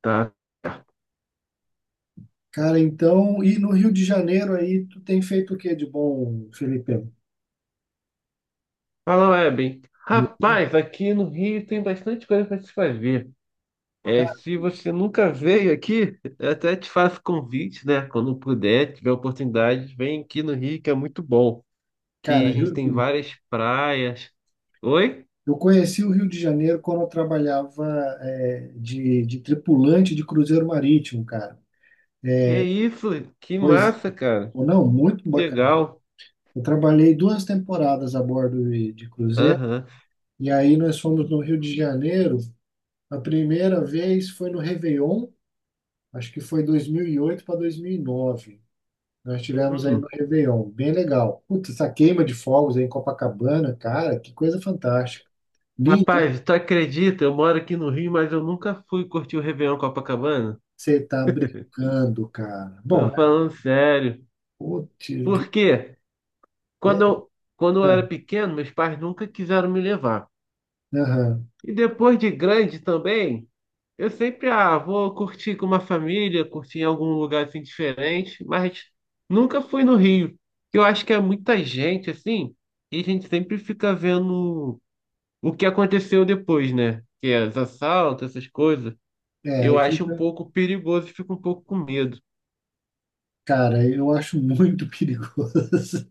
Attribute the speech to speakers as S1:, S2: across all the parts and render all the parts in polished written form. S1: Tá.
S2: Cara, então, e no Rio de Janeiro aí, tu tem feito o que de bom, Felipe?
S1: Fala, Webem. Rapaz, aqui no Rio tem bastante coisa para se fazer. É,
S2: Ca-
S1: se você nunca veio aqui, eu até te faço convite, né? Quando puder, tiver oportunidade, vem aqui no Rio, que é muito bom.
S2: Cara,
S1: Que a gente
S2: Rio-
S1: tem várias praias. Oi?
S2: eu conheci o Rio de Janeiro quando eu trabalhava de tripulante de cruzeiro marítimo, cara.
S1: Que isso? Que
S2: Pois,
S1: massa, cara.
S2: ou não, muito
S1: Que
S2: bacana.
S1: legal.
S2: Eu trabalhei duas temporadas a bordo de cruzeiro,
S1: Aham.
S2: e aí nós fomos no Rio de Janeiro. A primeira vez foi no Réveillon, acho que foi 2008 para 2009. Nós tivemos aí no
S1: Uhum.
S2: Réveillon, bem legal. Putz, essa queima de fogos aí em Copacabana, cara, que coisa fantástica. Linda, né?
S1: Rapaz, tu acredita? Eu moro aqui no Rio, mas eu nunca fui curtir o Réveillon Copacabana.
S2: Você tá brincando, cara. Bom,
S1: Tô falando sério.
S2: putz,
S1: Por quê?
S2: é,
S1: Quando eu, Quando eu era
S2: ah,
S1: pequeno, meus pais nunca quiseram me levar.
S2: aham.
S1: E depois de grande também, eu sempre, ah, vou curtir com uma família, curtir em algum lugar assim diferente, mas nunca fui no Rio. Eu acho que é muita gente assim, e a gente sempre fica vendo o que aconteceu depois, né? Que é os assaltos, essas coisas.
S2: É,
S1: Eu
S2: aí
S1: acho um
S2: fica.
S1: pouco perigoso e fico um pouco com medo.
S2: Cara, eu acho muito perigoso.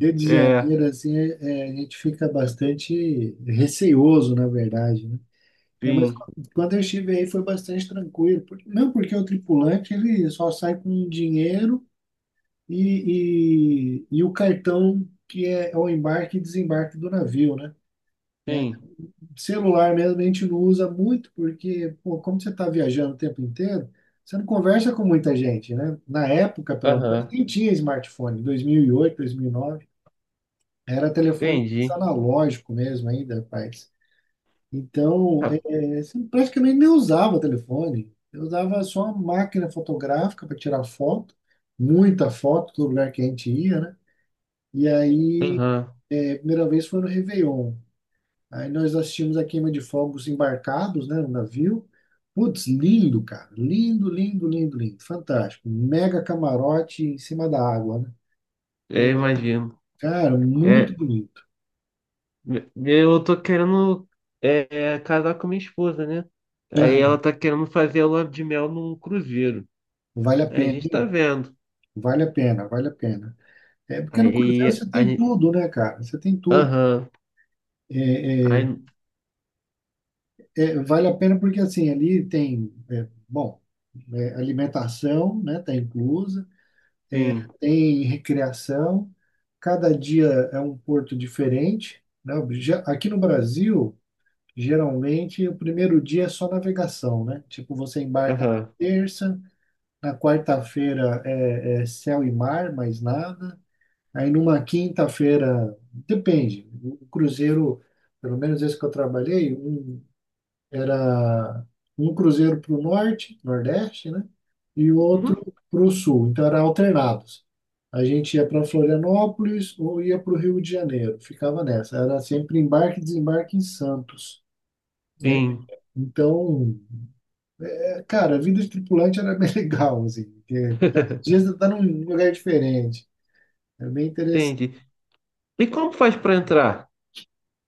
S2: Rio de
S1: É,
S2: Janeiro, assim, a gente fica bastante receoso, na verdade, né? Mas
S1: sim,
S2: quando eu estive aí foi bastante tranquilo. Não porque o tripulante ele só sai com dinheiro e o cartão que é o embarque e desembarque do navio, né? É,
S1: sim.
S2: Celular mesmo a gente não usa muito porque, pô, como você está viajando o tempo inteiro, você não conversa com muita gente, né? Na época, pelo menos,
S1: Aham,
S2: nem tinha smartphone, 2008, 2009, era telefone
S1: entendi.
S2: analógico mesmo ainda, rapaz. Então,
S1: Ah,
S2: você praticamente nem usava telefone, eu usava só uma máquina fotográfica para tirar foto, muita foto do lugar que a gente ia, né? E aí,
S1: aham,
S2: a primeira vez foi no Réveillon. Aí nós assistimos a queima de fogos embarcados, né, no navio. Putz, lindo, cara. Lindo, lindo, lindo, lindo. Fantástico. Mega camarote em cima da água, né?
S1: é,
S2: É,
S1: imagino.
S2: Cara, muito
S1: É,
S2: bonito.
S1: eu tô querendo casar com minha esposa, né? Aí ela
S2: Aham.
S1: tá querendo fazer a lua de mel num cruzeiro.
S2: Vale a
S1: Aí a
S2: pena,
S1: gente tá
S2: hein?
S1: vendo.
S2: Vale a pena, vale a pena. É porque no cruzeiro
S1: Aí
S2: você
S1: a
S2: tem
S1: gente.
S2: tudo, né, cara? Você tem tudo.
S1: Aham.
S2: É, é,
S1: Aí.
S2: Vale a pena porque assim ali tem, bom, alimentação, né, tá inclusa.
S1: Sim.
S2: Tem recreação, cada dia é um porto diferente, né? Aqui no Brasil, geralmente o primeiro dia é só navegação, né? Tipo, você embarca na
S1: Aham.
S2: terça, na quarta-feira é céu e mar, mais nada. Aí numa quinta-feira, depende, o cruzeiro, pelo menos esse que eu trabalhei, era um cruzeiro para o norte, nordeste, né? E o
S1: Uhum.
S2: outro para o sul. Então era alternados. A gente ia para Florianópolis ou ia para o Rio de Janeiro. Ficava nessa. Era sempre embarque e desembarque em Santos. É,
S1: Sim.
S2: então, cara, a vida de tripulante era bem legal, assim, porque às vezes você tá num lugar diferente. É bem
S1: Entendi.
S2: interessante.
S1: E como faz pra entrar?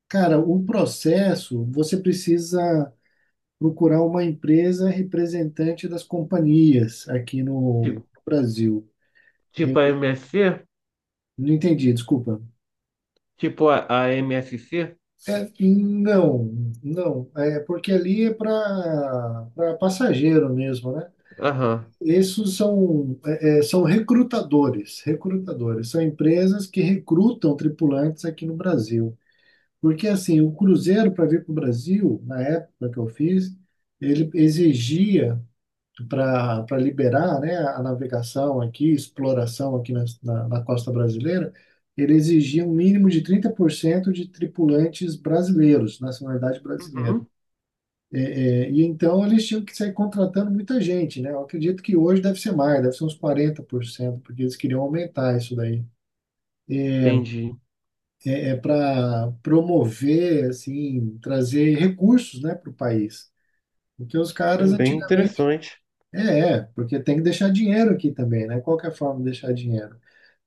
S2: Cara, o processo, você precisa procurar uma empresa representante das companhias aqui no
S1: Tipo,
S2: Brasil. Eu
S1: tipo a MSC?
S2: Não entendi, desculpa.
S1: Tipo a MSC?
S2: Não, não. É porque ali é para passageiro mesmo, né?
S1: Aham.
S2: Esses são, são recrutadores, recrutadores. São empresas que recrutam tripulantes aqui no Brasil. Porque, assim, o cruzeiro para vir para o Brasil, na época que eu fiz, ele exigia para liberar, né, a navegação aqui, exploração aqui na costa brasileira, ele exigia um mínimo de 30% de tripulantes brasileiros, nacionalidade brasileira.
S1: Uhum.
S2: É, e então eles tinham que sair contratando muita gente, né? Eu acredito que hoje deve ser mais, deve ser uns 40%, porque eles queriam aumentar isso daí.
S1: Entendi.
S2: Para promover, assim, trazer recursos, né, para o país. Porque os
S1: É
S2: caras
S1: bem
S2: antigamente,
S1: interessante.
S2: Porque tem que deixar dinheiro aqui também, né? Qual que é a forma de deixar dinheiro?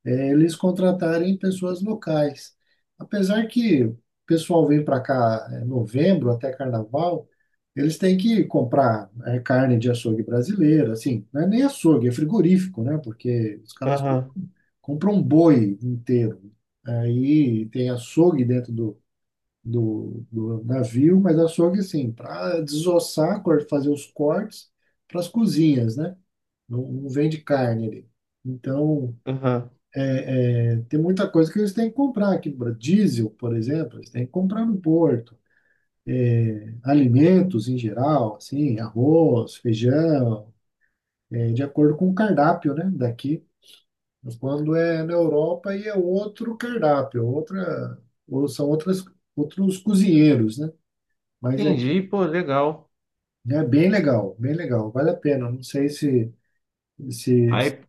S2: É eles contratarem pessoas locais. Apesar que o pessoal vem para cá em novembro até carnaval, eles têm que comprar carne de açougue brasileira, assim, não é nem açougue, é frigorífico, né? Porque os caras
S1: Aham.
S2: compram um boi inteiro. Aí tem açougue dentro do navio, mas açougue, assim, para desossar, fazer os cortes para as cozinhas, né? Não, não vende carne ali. Então,
S1: Aham.
S2: tem muita coisa que eles têm que comprar aqui no Brasil. Diesel, por exemplo, eles têm que comprar no Porto. Alimentos em geral, assim, arroz, feijão, de acordo com o cardápio, né, daqui. Quando é na Europa, aí é outro cardápio, outra, ou são outras, outros cozinheiros, né? Mas é
S1: Entendi,
S2: aqui,
S1: pô, legal.
S2: é bem legal, vale a pena. Não sei se-
S1: Aí,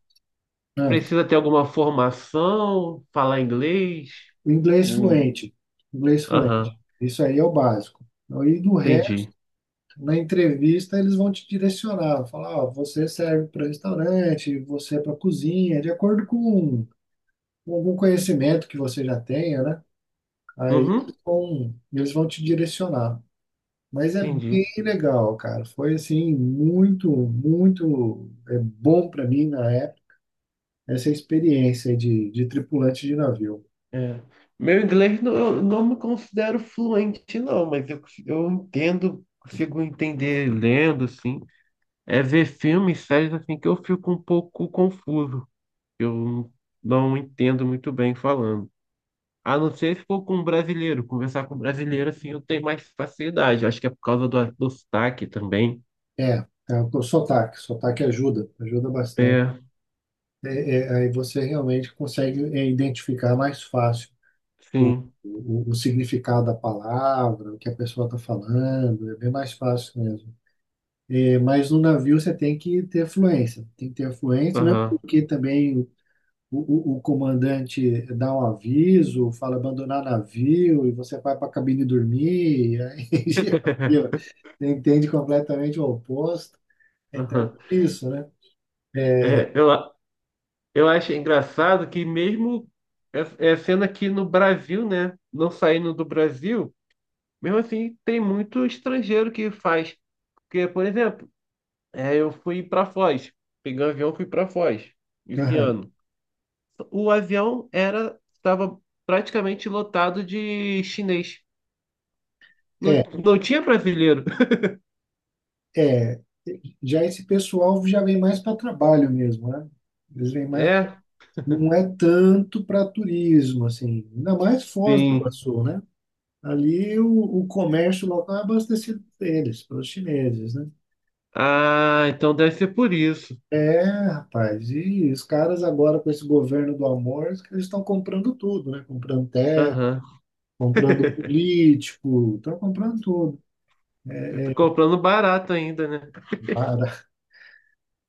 S2: ah.
S1: precisa ter alguma formação, falar inglês?
S2: O inglês
S1: Um...
S2: fluente, inglês fluente.
S1: Aham,
S2: Isso aí é o básico. E do resto,
S1: entendi.
S2: na entrevista, eles vão te direcionar, falar, ó, você serve para restaurante, você é para cozinha, de acordo com algum conhecimento que você já tenha, né? Aí
S1: Uhum,
S2: eles vão te direcionar. Mas é
S1: entendi.
S2: bem legal, cara. Foi assim, muito, muito é bom para mim na época essa experiência de tripulante de navio.
S1: É. Meu inglês não, eu não me considero fluente, não, mas eu, cons- eu entendo, consigo entender lendo, assim. É ver filmes, séries, assim, que eu fico um pouco confuso. Eu não entendo muito bem falando. A não ser se for com um brasileiro, conversar com um brasileiro, assim, eu tenho mais facilidade. Acho que é por causa do sotaque também.
S2: É, É o sotaque, sotaque ajuda, ajuda bastante.
S1: É,
S2: Aí você realmente consegue identificar mais fácil o,
S1: sim.
S2: o significado da palavra, o que a pessoa está falando, é bem mais fácil mesmo. Mas no navio você tem que ter fluência, tem que ter fluência, mesmo
S1: Aham,
S2: porque também o comandante dá um aviso, fala abandonar navio, e você vai para a cabine dormir, e aí já viu, você entende completamente o oposto. Então, é
S1: aham.
S2: por isso, né?
S1: É, eu, a- eu acho engraçado que mesmo sendo aqui no Brasil, né? Não saindo do Brasil, mesmo assim tem muito estrangeiro que faz. Porque, por exemplo, é, eu fui para Foz, peguei um avião, fui para Foz esse
S2: Aham.
S1: ano. O avião era Estava praticamente lotado de chinês. Não,
S2: É,
S1: não tinha brasileiro.
S2: É, Já esse pessoal já vem mais para trabalho mesmo, né? Eles vêm mais,
S1: É,
S2: não é tanto para turismo, assim, ainda mais Foz do
S1: sim.
S2: Iguaçu, né? Ali o comércio local é abastecido por eles, pelos chineses, né?
S1: Ah, então deve ser por isso.
S2: É, Rapaz, e os caras agora com esse governo do amor, eles estão comprando tudo, né? Comprando terra,
S1: Aham.
S2: comprando político, estão comprando tudo.
S1: Eu tô comprando barato ainda, né?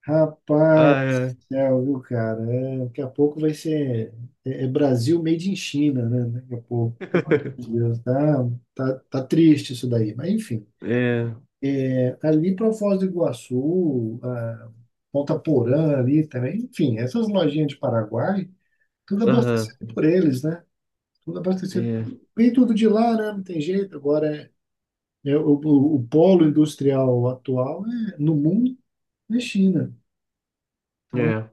S2: Rapaz
S1: Ah, é.
S2: do céu, viu, cara? Daqui a pouco vai ser, Brasil made in China, né? Daqui a pouco. Pelo amor de Deus, tá triste isso daí. Mas, enfim,
S1: É,
S2: ali para Foz do Iguaçu, a Ponta Porã ali também, enfim, essas lojinhas de Paraguai, tudo
S1: aham,
S2: abastecido por eles, né? Tudo abastecido.
S1: é,
S2: Vem tudo de lá, né? Não tem jeito. Agora, o polo industrial atual no mundo é China. Então,
S1: é,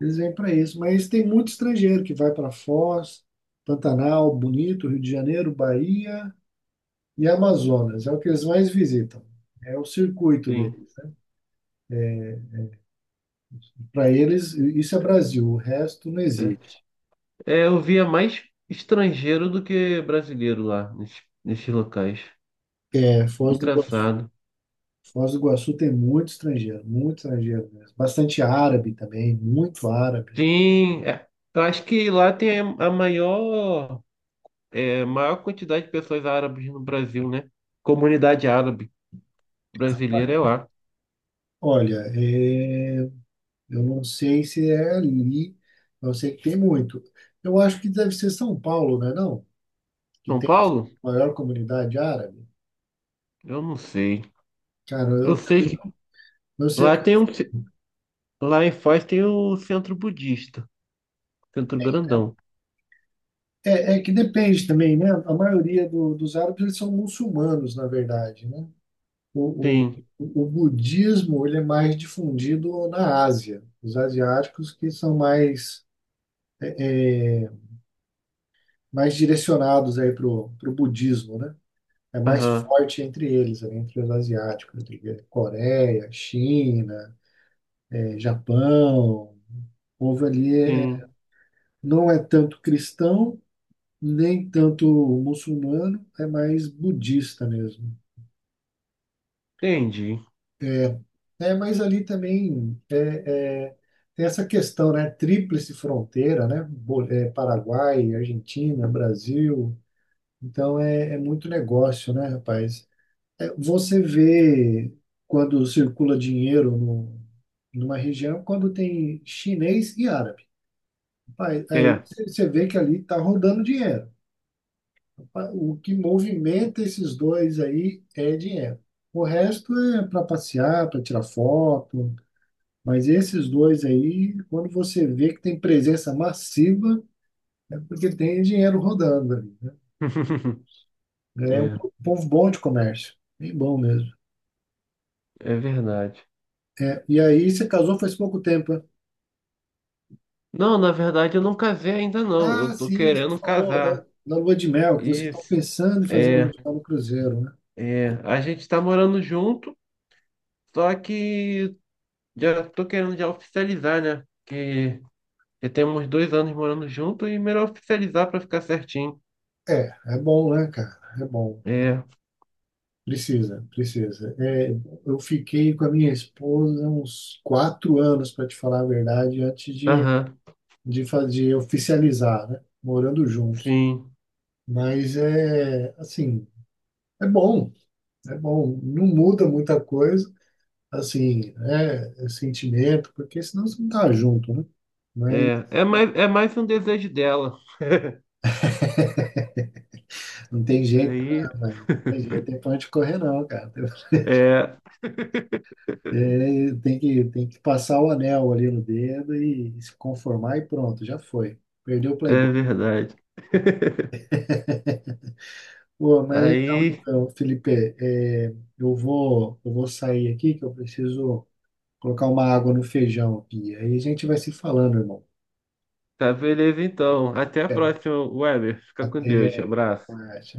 S2: eles vêm para isso, mas tem muito estrangeiro que vai para Foz, Pantanal, Bonito, Rio de Janeiro, Bahia e Amazonas. É o que eles mais visitam. É o circuito
S1: sim,
S2: deles. Para eles, isso é Brasil, o resto não
S1: é.
S2: existe.
S1: É, eu via mais estrangeiro do que brasileiro lá, nesses locais.
S2: Foz do Iguaçu.
S1: Engraçado.
S2: Foz do Iguaçu tem muito estrangeiro mesmo. Bastante árabe também, muito árabe.
S1: Sim, é, eu acho que lá tem a maior, é, maior quantidade de pessoas árabes no Brasil, né? Comunidade árabe brasileira é
S2: Parece.
S1: lá.
S2: Olha, eu não sei se é ali, eu sei que tem muito. Eu acho que deve ser São Paulo, né? Não? Que
S1: São
S2: tem
S1: Paulo?
S2: a maior comunidade árabe,
S1: Eu não sei.
S2: cara,
S1: Eu
S2: eu
S1: sei
S2: também
S1: que
S2: eu sei
S1: lá
S2: que
S1: tem um, lá em Foz tem o centro budista, centro grandão.
S2: é que depende também, né? A maioria dos árabes eles são muçulmanos, na verdade, né? O,
S1: Sim,
S2: o, o budismo ele é mais difundido na Ásia, os asiáticos que são mais é, mais direcionados aí pro budismo, né? É mais
S1: aham.
S2: forte entre eles, né? Entre os asiáticos, entre Coreia, China, Japão. O povo ali
S1: Sim,
S2: não é tanto cristão, nem tanto muçulmano, é mais budista mesmo.
S1: entendi.
S2: Mas ali também tem essa questão, né? Tríplice fronteira, né? Paraguai, Argentina, Brasil. Então é muito negócio, né, rapaz? Você vê quando circula dinheiro no, numa região, quando tem chinês e árabe. Rapaz, aí
S1: É.
S2: você vê que ali está rodando dinheiro. O que movimenta esses dois aí é dinheiro. O resto é para passear, para tirar foto, mas esses dois aí, quando você vê que tem presença massiva, é porque tem dinheiro rodando ali, né? É um
S1: É,
S2: povo bom de comércio, bem bom mesmo.
S1: é verdade.
S2: E aí você casou faz pouco tempo, né?
S1: Não, na verdade eu não casei ainda não. Eu
S2: Ah,
S1: tô
S2: sim, você
S1: querendo
S2: falou da,
S1: casar.
S2: da lua de mel, que vocês estão
S1: Isso.
S2: pensando em fazer a lua
S1: É,
S2: de mel no cruzeiro, né?
S1: A gente tá morando junto, só que já tô querendo já oficializar, né? Que já temos dois anos morando junto e melhor oficializar pra ficar certinho.
S2: É bom, né, cara? É bom.
S1: É,
S2: Precisa, precisa. Eu fiquei com a minha esposa uns 4 anos, para te falar a verdade, antes de,
S1: aham,
S2: de fazer, oficializar, né? Morando juntos.
S1: sim.
S2: Mas é, assim, é bom, é bom. Não muda muita coisa, assim, é sentimento, porque senão você não tá junto, né? Mas
S1: É mais um desejo dela.
S2: não tem jeito,
S1: Aí,
S2: né, velho? Não tem jeito, tem pra onde correr, não, cara.
S1: é.
S2: Tem que passar o anel ali no dedo e se conformar e pronto, já foi. Perdeu o Playboy.
S1: É verdade.
S2: Pô, mas legal
S1: Aí,
S2: então, Felipe. Eu vou sair aqui que eu preciso colocar uma água no feijão aqui. Aí a gente vai se falando, irmão.
S1: tá beleza então. Até a
S2: É,
S1: próxima, Weber. Fica com Deus.
S2: Até
S1: Abraço.
S2: mais.